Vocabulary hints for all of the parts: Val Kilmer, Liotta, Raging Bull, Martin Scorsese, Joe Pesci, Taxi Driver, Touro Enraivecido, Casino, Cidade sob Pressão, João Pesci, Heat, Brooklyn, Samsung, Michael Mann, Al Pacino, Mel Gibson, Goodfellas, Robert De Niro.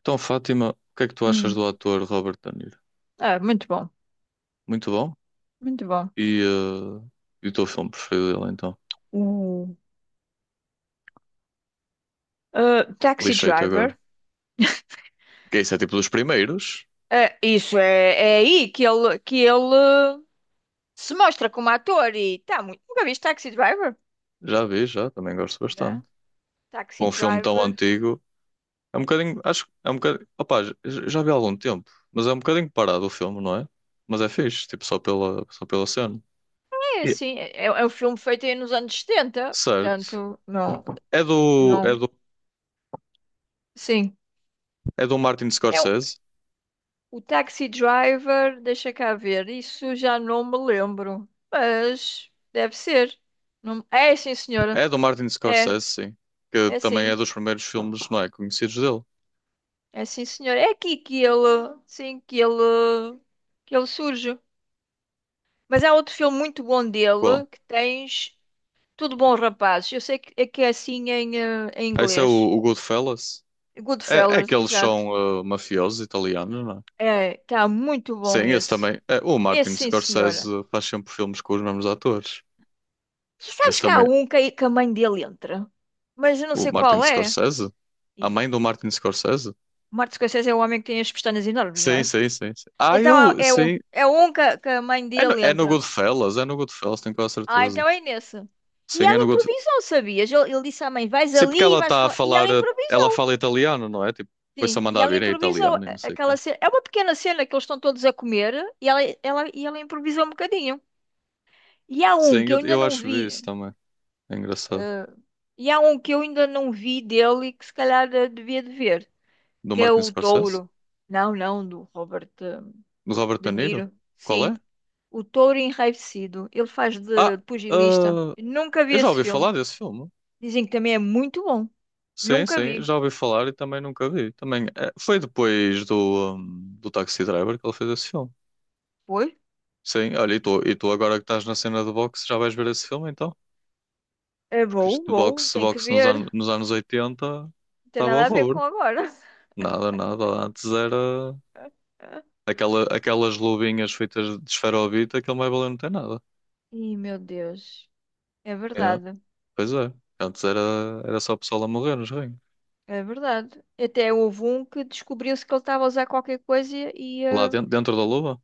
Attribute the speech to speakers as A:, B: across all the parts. A: Então, Fátima, o que é que tu achas
B: Hum.
A: do ator Robert De Niro?
B: Ah, muito bom,
A: Muito bom.
B: muito bom.
A: E, e o teu filme preferido dele, então?
B: O Ah, Taxi
A: Lixei-te
B: Driver.
A: agora. Que isso é tipo dos primeiros?
B: Ah, isso é aí que ele se mostra como ator e tá muito. Nunca viste Taxi Driver?
A: Já vi, já. Também gosto
B: Já.
A: bastante.
B: Taxi
A: Um filme tão
B: Driver.
A: antigo. É um bocadinho. Acho que é um bocadinho. Opá, já vi há algum tempo. Mas é um bocadinho parado o filme, não é? Mas é fixe, tipo, só pela cena.
B: É
A: E-
B: assim, é um filme feito aí nos anos setenta
A: Certo.
B: portanto, não,
A: É do, é
B: não.
A: do,
B: Sim.
A: é do Martin
B: É um-
A: Scorsese?
B: o Taxi Driver, deixa cá ver, isso já não me lembro, mas deve ser. É sim, senhora.
A: É do Martin
B: É,
A: Scorsese, sim. Que
B: é
A: também é
B: sim.
A: dos primeiros filmes, não é? Conhecidos dele.
B: É sim, senhor. É aqui que ele, sim, que ele surge. Mas há outro filme muito bom
A: Qual?
B: dele que tens Tudo Bom, Rapazes. Eu sei que é assim em, em
A: Ah, esse é
B: inglês.
A: o Goodfellas? É, é
B: Goodfellas,
A: que eles
B: exato.
A: são mafiosos italianos, não é?
B: É, está muito bom
A: Sim, esse
B: esse.
A: também. É, o Martin
B: Esse, sim,
A: Scorsese
B: senhora.
A: faz sempre filmes com os mesmos atores.
B: E
A: Esse
B: sabes que há
A: também.
B: um que, que a mãe dele entra, mas eu não
A: O
B: sei
A: Martin
B: qual é.
A: Scorsese? A
B: Exa-
A: mãe do Martin Scorsese?
B: Martin Scorsese é o homem que tem as pestanas enormes, não
A: Sim,
B: é?
A: sim, sim, sim. Ah, eu. Sim.
B: É um que, que a mãe dele entra.
A: É no Goodfellas, tenho quase
B: Ah,
A: certeza.
B: então é nessa. E
A: Sim, é
B: ela
A: no Goodfellas.
B: improvisou, sabias? Ele disse à mãe: vais
A: Sim, porque
B: ali, e
A: ela
B: vais
A: está a
B: falar. E ela
A: falar. Ela
B: improvisou.
A: fala italiano, não é? Tipo, depois só
B: Sim,
A: manda
B: e
A: a mandar
B: ela
A: vir é
B: improvisou
A: italiano e não sei o quê.
B: aquela cena. É uma pequena cena que eles estão todos a comer e ela improvisou um bocadinho. E há um
A: Sim,
B: que
A: eu,
B: eu ainda
A: eu
B: não
A: acho que vi
B: vi,
A: isso também. É engraçado.
B: e há um que eu ainda não vi dele e que se calhar devia de ver,
A: Do
B: que é
A: Martin
B: o
A: Scorsese?
B: Touro. Não, não, do Robert
A: Do Robert
B: De
A: De Niro?
B: Niro.
A: Qual é?
B: Sim, o Touro Enraivecido. Ele faz de
A: Ah,
B: pugilista.
A: ah,
B: Eu Nunca vi
A: eu já
B: esse
A: ouvi
B: filme.
A: falar desse filme.
B: Dizem que também é muito bom.
A: Sim,
B: Nunca
A: sim,
B: vi.
A: já ouvi falar e também nunca vi. Também foi depois do, do Taxi Driver que ele fez esse filme.
B: Foi
A: Sim, olha, e tu agora que estás na cena do boxe já vais ver esse filme então?
B: É
A: Porque isto
B: bom,
A: de
B: bom,
A: boxe,
B: tem que
A: boxe nos,
B: ver. Não
A: an nos anos 80
B: tem
A: estava
B: nada a ver com
A: horror.
B: agora.
A: Nada, nada. Antes era aquelas luvinhas feitas de esferovite, aquele mais valeu não tem nada.
B: Ih, meu Deus. É
A: É,
B: verdade,
A: pois é. Antes era, era só o pessoal a morrer nos ringues.
B: é verdade. Até houve um que descobriu-se que ele estava a usar qualquer coisa e. e,
A: Lá
B: eh,
A: dentro, dentro da luva?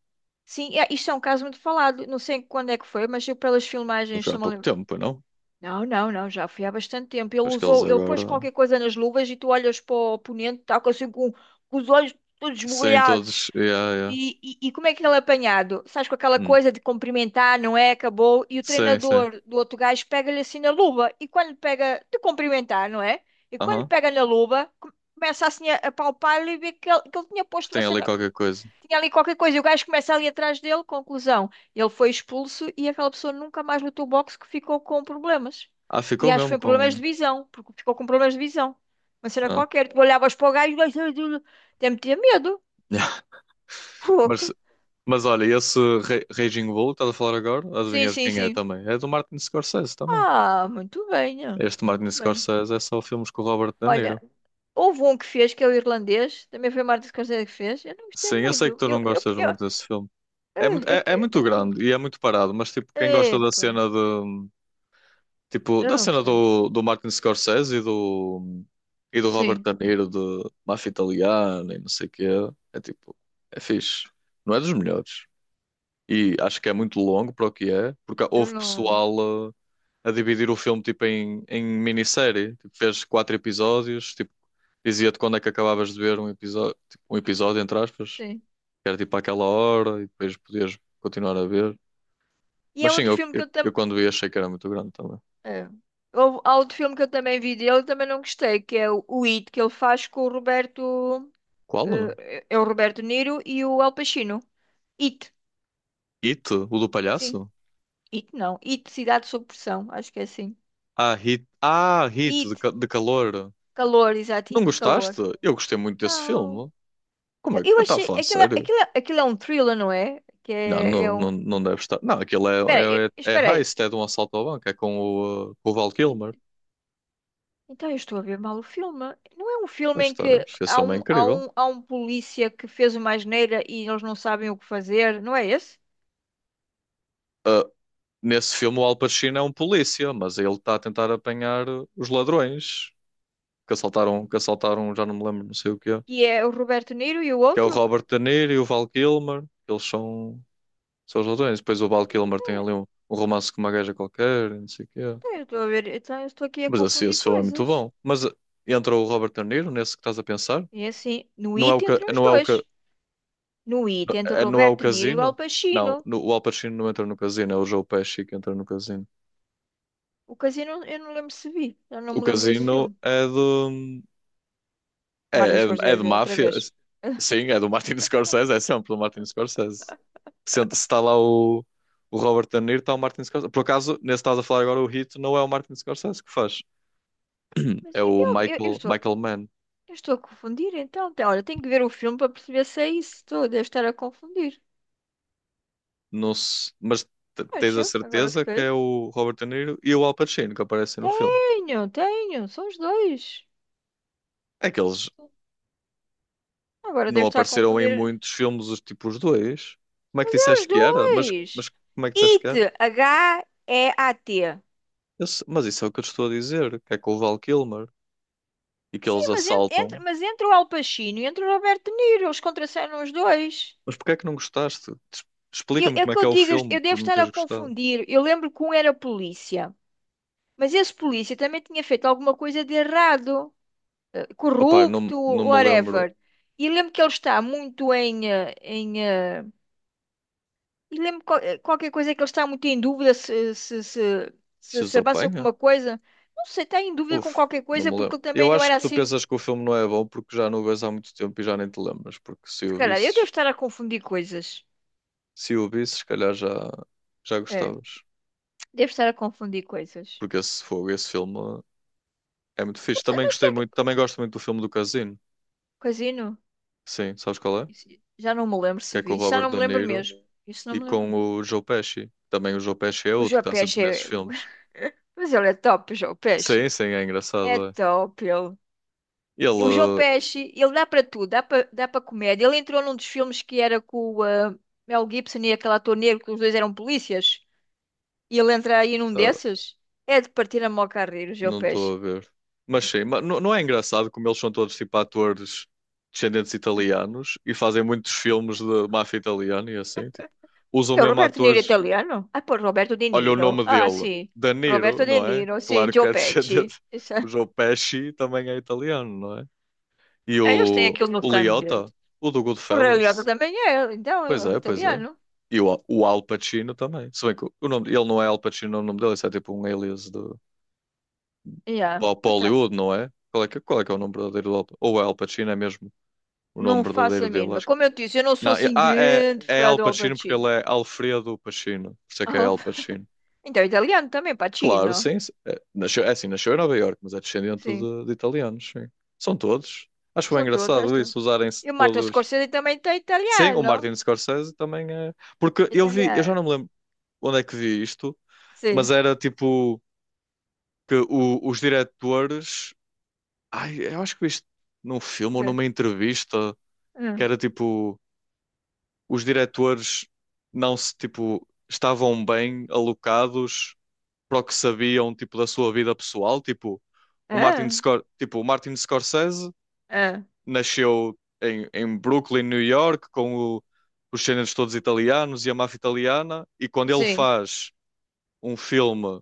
B: Sim, é, isto é um caso muito falado. Não sei quando é que foi, mas eu pelas filmagens
A: Foi há
B: estou-me a
A: pouco
B: lembrar.
A: tempo, não?
B: Não, não, não, já foi há bastante tempo. Ele
A: Acho que eles
B: usou, ele pôs
A: agora.
B: qualquer coisa nas luvas e tu olhas para o oponente, está assim com os olhos todos
A: Sim,
B: esbugalhados.
A: todos. Yeah, yeah.
B: E como é que ele é apanhado? Sabes, com aquela
A: Hum.
B: coisa de cumprimentar, não é? Acabou. E o
A: Sim, sim.
B: treinador do outro gajo pega-lhe assim na luva. E quando pega, de cumprimentar, não é? E quando
A: Aham.
B: pega na luva, começa assim a palpar-lhe e vê que ele tinha
A: Que
B: posto uma
A: tem ali
B: cena,
A: qualquer coisa.
B: tinha ali qualquer coisa. E o gajo começa ali atrás dele. Conclusão: ele foi expulso e aquela pessoa nunca mais lutou boxe que ficou com problemas.
A: Ah,
B: E
A: ficou
B: acho que
A: mesmo
B: foi problemas
A: com.
B: de visão, porque ficou com problemas de visão. Uma cena
A: Ah.
B: qualquer. Tu olhavas para o gajo e o gajo. Tem-me medo.
A: Mas,
B: Fogo.
A: mas olha, esse Raging Bull que estás a falar agora,
B: Sim,
A: adivinha de
B: sim,
A: quem é
B: sim.
A: também? É do Martin Scorsese também.
B: Ah, muito bem, ó.
A: Este Martin
B: Muito bem.
A: Scorsese é só filmes com o Robert De Niro.
B: Olha, houve um que fez, que é o irlandês, também foi o Martin Scorsese que fez. Eu não gostei
A: Sim, eu
B: muito.
A: sei que tu não gostas muito desse filme. É muito,
B: Eu,
A: é muito
B: eu,
A: grande e é muito parado, mas tipo,
B: ah,
A: quem gosta da
B: epa,
A: cena de, tipo,
B: eu
A: da
B: não
A: cena
B: gostei.
A: do Martin Scorsese e do Robert
B: Sim,
A: De Niro de Máfia Italiana e não sei o quê. É tipo, é fixe. Não é dos melhores. E acho que é muito longo para o que é, porque
B: eu
A: houve
B: não.
A: pessoal a, dividir o filme tipo em, em minissérie. Tipo, fez 4 episódios, tipo, dizia-te quando é que acabavas de ver um episódio, tipo, um episódio, entre aspas,
B: Sim.
A: que era tipo àquela hora e depois podias continuar a ver.
B: E
A: Mas
B: há
A: sim,
B: outro
A: eu,
B: filme que
A: eu,
B: eu
A: eu
B: também.
A: quando vi achei que era muito grande também.
B: Há outro filme que eu também vi dele, também não gostei, que é o It, que ele faz com o Roberto.
A: Qual?
B: É o Roberto Niro e o Al Pacino. It,
A: Hito, o do
B: sim.
A: palhaço?
B: It não. It, Cidade sob Pressão, acho que é assim.
A: Ah, Hit, ah,
B: It.
A: de calor.
B: Calor, exato,
A: Não
B: e de calor.
A: gostaste? Eu gostei muito desse
B: Não.
A: filme. Como
B: Eu,
A: é que.
B: eu
A: Está a
B: achei.
A: falar
B: Aquilo, é-
A: sério?
B: aquilo, é- aquilo é um thriller, não é? Que
A: Não,
B: é,
A: não,
B: é um.
A: não, não deve estar. Não, aquilo
B: Espera
A: é,
B: aí, espera
A: é
B: aí.
A: heist, é de um assalto ao banco, é com com o Val
B: En-
A: Kilmer.
B: Então eu estou a ver mal o filme. Não é um filme
A: Pois
B: em
A: está,
B: que
A: esse
B: há
A: filme é
B: um, há
A: incrível.
B: um, há um polícia que fez uma asneira e eles não sabem o que fazer, não é esse?
A: Ah, nesse filme, o Al Pacino é um polícia, mas ele está a tentar apanhar os ladrões que assaltaram, já não me lembro, não sei o que é.
B: Que é o Roberto Niro e o
A: Que é o
B: outro?
A: Robert De Niro e o Val Kilmer. Eles são. São os ladrões. Depois o Val Kilmer tem
B: Então,
A: ali um, um romance com uma gaja qualquer, e não sei o quê.
B: então eu estou a ver. Então eu estou aqui a
A: Mas assim,
B: confundir
A: esse filme é muito
B: coisas.
A: bom. Mas entra o Robert De Niro nesse que estás a pensar?
B: E assim, no It entre os
A: Não é
B: dois. No It entre o
A: não é o
B: Roberto Niro e o Al
A: Casino?
B: Pacino.
A: Não, o Al Pacino não entra no Casino, é o Joe Pesci que entra no Casino.
B: O Casino, eu não lembro se vi. Eu não
A: O
B: me lembro desse
A: Casino
B: filme.
A: é do.
B: Martin
A: É de
B: Scorsese, outra
A: máfia.
B: vez.
A: Sim, é do Martin Scorsese, é sempre do Martin Scorsese. Se está lá o Robert De Niro, está o Martin Scorsese. Por acaso, nesse que estás a falar agora, o Hit não é o Martin Scorsese que faz.
B: Mas
A: É
B: eu,
A: o
B: eu, eu- eu
A: Michael,
B: estou,
A: Michael Mann.
B: eu estou a confundir, então. Olha, tenho que ver o filme para perceber se é isso. Estou, devo estar a confundir.
A: Mas tens a
B: Acho, agora
A: certeza que
B: fiquei.
A: é o Robert De Niro e o Al Pacino que aparecem no filme.
B: Tenho, tenho, são os dois.
A: É que eles
B: Agora
A: não
B: devo estar a
A: apareceram em
B: confundir.
A: muitos filmes, os tipos dois. Como é que
B: É os
A: disseste que era? Mas,
B: dois!
A: mas como é que disseste que
B: IT,
A: era?
B: Heat.
A: Esse- mas isso é o que eu te estou a dizer, que é com o Val Kilmer e que
B: Sim,
A: eles
B: mas, en-
A: assaltam.
B: entre, mas entre o Al Pacino e entre o Roberto De Niro, eles contracenam os dois.
A: Mas porquê é que não gostaste?
B: Eu,
A: Explica-me
B: é o
A: como é
B: que
A: que
B: eu
A: é o
B: digo,
A: filme
B: eu
A: por
B: devo
A: não
B: estar a
A: teres gostado.
B: confundir. Eu lembro que um era polícia, mas esse polícia também tinha feito alguma coisa de errado,
A: Opá, não,
B: corrupto,
A: não me lembro
B: whatever. E lembro que ele está muito em, e lembro qualquer coisa que ele está muito em dúvida se, se, se,
A: se
B: se,
A: os
B: se avança com
A: apanha.
B: uma coisa. Não sei, está em dúvida com
A: Uf,
B: qualquer
A: não
B: coisa
A: me
B: porque
A: lembro.
B: ele também
A: Eu
B: não
A: acho
B: era
A: que tu
B: assim.
A: pensas que o filme não é bom porque já não o vês há muito tempo e já nem te lembras. Porque se
B: Se
A: o
B: calhar, eu devo
A: visses,
B: estar a confundir coisas.
A: se o visses, se calhar já, já
B: É,
A: gostavas.
B: devo estar a confundir coisas.
A: Porque esse fogo, esse filme é muito fixe. Também
B: Mas que
A: gostei
B: é que...
A: muito, também gosto muito do filme do Casino.
B: Casino?
A: Sim, sabes qual é?
B: Isso- Já não me lembro
A: Que
B: se
A: é com o
B: vi. Isso já
A: Robert
B: não me
A: De
B: lembro
A: Niro
B: mesmo. Isso não
A: e
B: me
A: com
B: lembro.
A: o Joe Pesci. Também o Joe Pesci é
B: O
A: outro
B: João
A: que está sempre
B: Pesci
A: nesses
B: é.
A: filmes.
B: Mas ele é top, o João
A: Sim,
B: Pesci.
A: sim, é
B: É
A: engraçado, é.
B: top, ele. E o João
A: Ele,
B: Pesci, ele dá para tudo, dá para dá para comédia. Ele entrou num dos filmes que era com o Mel Gibson e aquele ator negro, que os dois eram polícias. E ele entra aí num
A: uh,
B: desses. É de partir a mó carreira, o João
A: não estou
B: Pesci.
A: a ver. Mas sim, mas não não é engraçado como eles são todos tipo atores descendentes italianos e fazem muitos filmes de máfia italiana e assim, tipo, usam
B: Que é o
A: mesmo
B: Roberto De Niro
A: atores.
B: italiano? Ah, pô, Roberto De
A: Olha o
B: Niro.
A: nome
B: Ah,
A: dele,
B: sim.
A: De
B: Roberto
A: Niro,
B: De
A: não é?
B: Niro, sim,
A: Claro que
B: Joe
A: é
B: Pesci.
A: descendente.
B: Isso é.
A: O Joe Pesci também é italiano, não é? E
B: É, Eles têm aquilo no
A: o
B: sangue
A: Liotta, o do
B: O Reliota
A: Goodfellas.
B: também é, então,
A: Pois
B: é
A: é, pois é.
B: italiano.
A: E o Al Pacino também. Se bem que o nome, ele não é Al Pacino, o nome dele, isso é tipo um alias de
B: Yeah,
A: para
B: mas tá.
A: Hollywood, não é? Qual é que é o nome verdadeiro do Al Pacino? Ou é Al Pacino, é mesmo o nome
B: Não faço
A: verdadeiro
B: a
A: dele,
B: mínima.
A: acho que.
B: Como eu te disse, eu não sou
A: Não,
B: assim grande
A: é
B: fã
A: Al
B: do Al
A: Pacino porque ele
B: Pacino.
A: é Alfredo Pacino, por isso é que é
B: Al-
A: Al Pacino.
B: Então, italiano também,
A: Claro,
B: Pacino.
A: sim, sim. É, nasceu, é assim, nasceu em Nova Iorque, mas é descendente
B: Sim,
A: de italianos, sim. São todos. Acho bem
B: são todos.
A: engraçado
B: Estes.
A: isso, usarem-se
B: E o Martin
A: todos.
B: Scorsese também tem
A: Sim, o
B: italiano.
A: Martin Scorsese também é. Porque eu vi, eu já não
B: Italiano.
A: me lembro onde é que vi isto, mas
B: Sim.
A: era tipo que o- os diretores. Ai, eu acho que vi isto num filme ou
B: Ok.
A: numa entrevista que
B: Hum.
A: era tipo, os diretores não se, tipo, estavam bem alocados para o que sabiam, tipo, da sua vida pessoal, tipo,
B: Ah,
A: O Martin Scorsese
B: ah,
A: nasceu em, em Brooklyn, New York, com o- os géneros todos italianos e a máfia italiana, e quando ele
B: sim.
A: faz um filme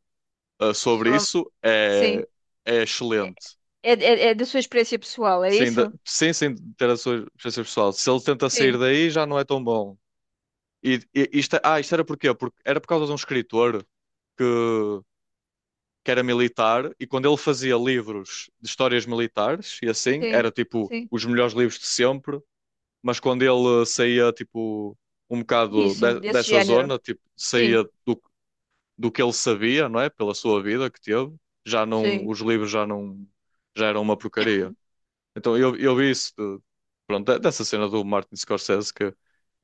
A: sobre
B: Sou-
A: isso, é,
B: sim.
A: é excelente.
B: É, é da sua experiência pessoal, é
A: Sim,
B: isso?
A: sem, sem ter a sua preferência pessoal. Se ele tenta sair
B: Sim,
A: daí, já não é tão bom. E isto, isto era porquê? Porque era por causa de um escritor que, que era militar e quando ele fazia livros de histórias militares e assim, era
B: sim,
A: tipo
B: sim.
A: os melhores livros de sempre, mas quando ele saía tipo um bocado
B: Isso, desse
A: dessa
B: género.
A: zona, tipo,
B: Sim,
A: saía do, do que ele sabia, não é? Pela sua vida que teve, já não,
B: sim.
A: os livros já não, já eram uma porcaria. Então eu vi isso, pronto, dessa cena do Martin Scorsese, que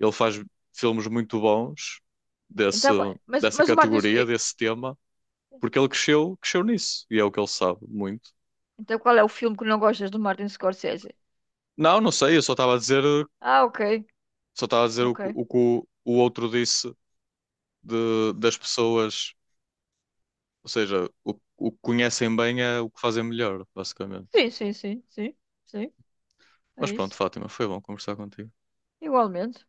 A: ele faz filmes muito bons desse,
B: Então, qual- mas,
A: dessa
B: mas o Martin Sc-
A: categoria,
B: eh,
A: desse tema, porque ele cresceu, cresceu nisso, e é o que ele sabe muito.
B: Então qual é o filme que não gostas do Martin Scorsese?
A: Não, não sei, eu só estava a dizer,
B: Ah, ok,
A: só estava a dizer o, que
B: ok.
A: o outro disse de, das pessoas, ou seja, o que conhecem bem é o que fazem melhor, basicamente.
B: Sim, sim, sim, sim, sim,
A: Mas
B: é
A: pronto,
B: isso.
A: Fátima, foi bom conversar contigo.
B: Igualmente.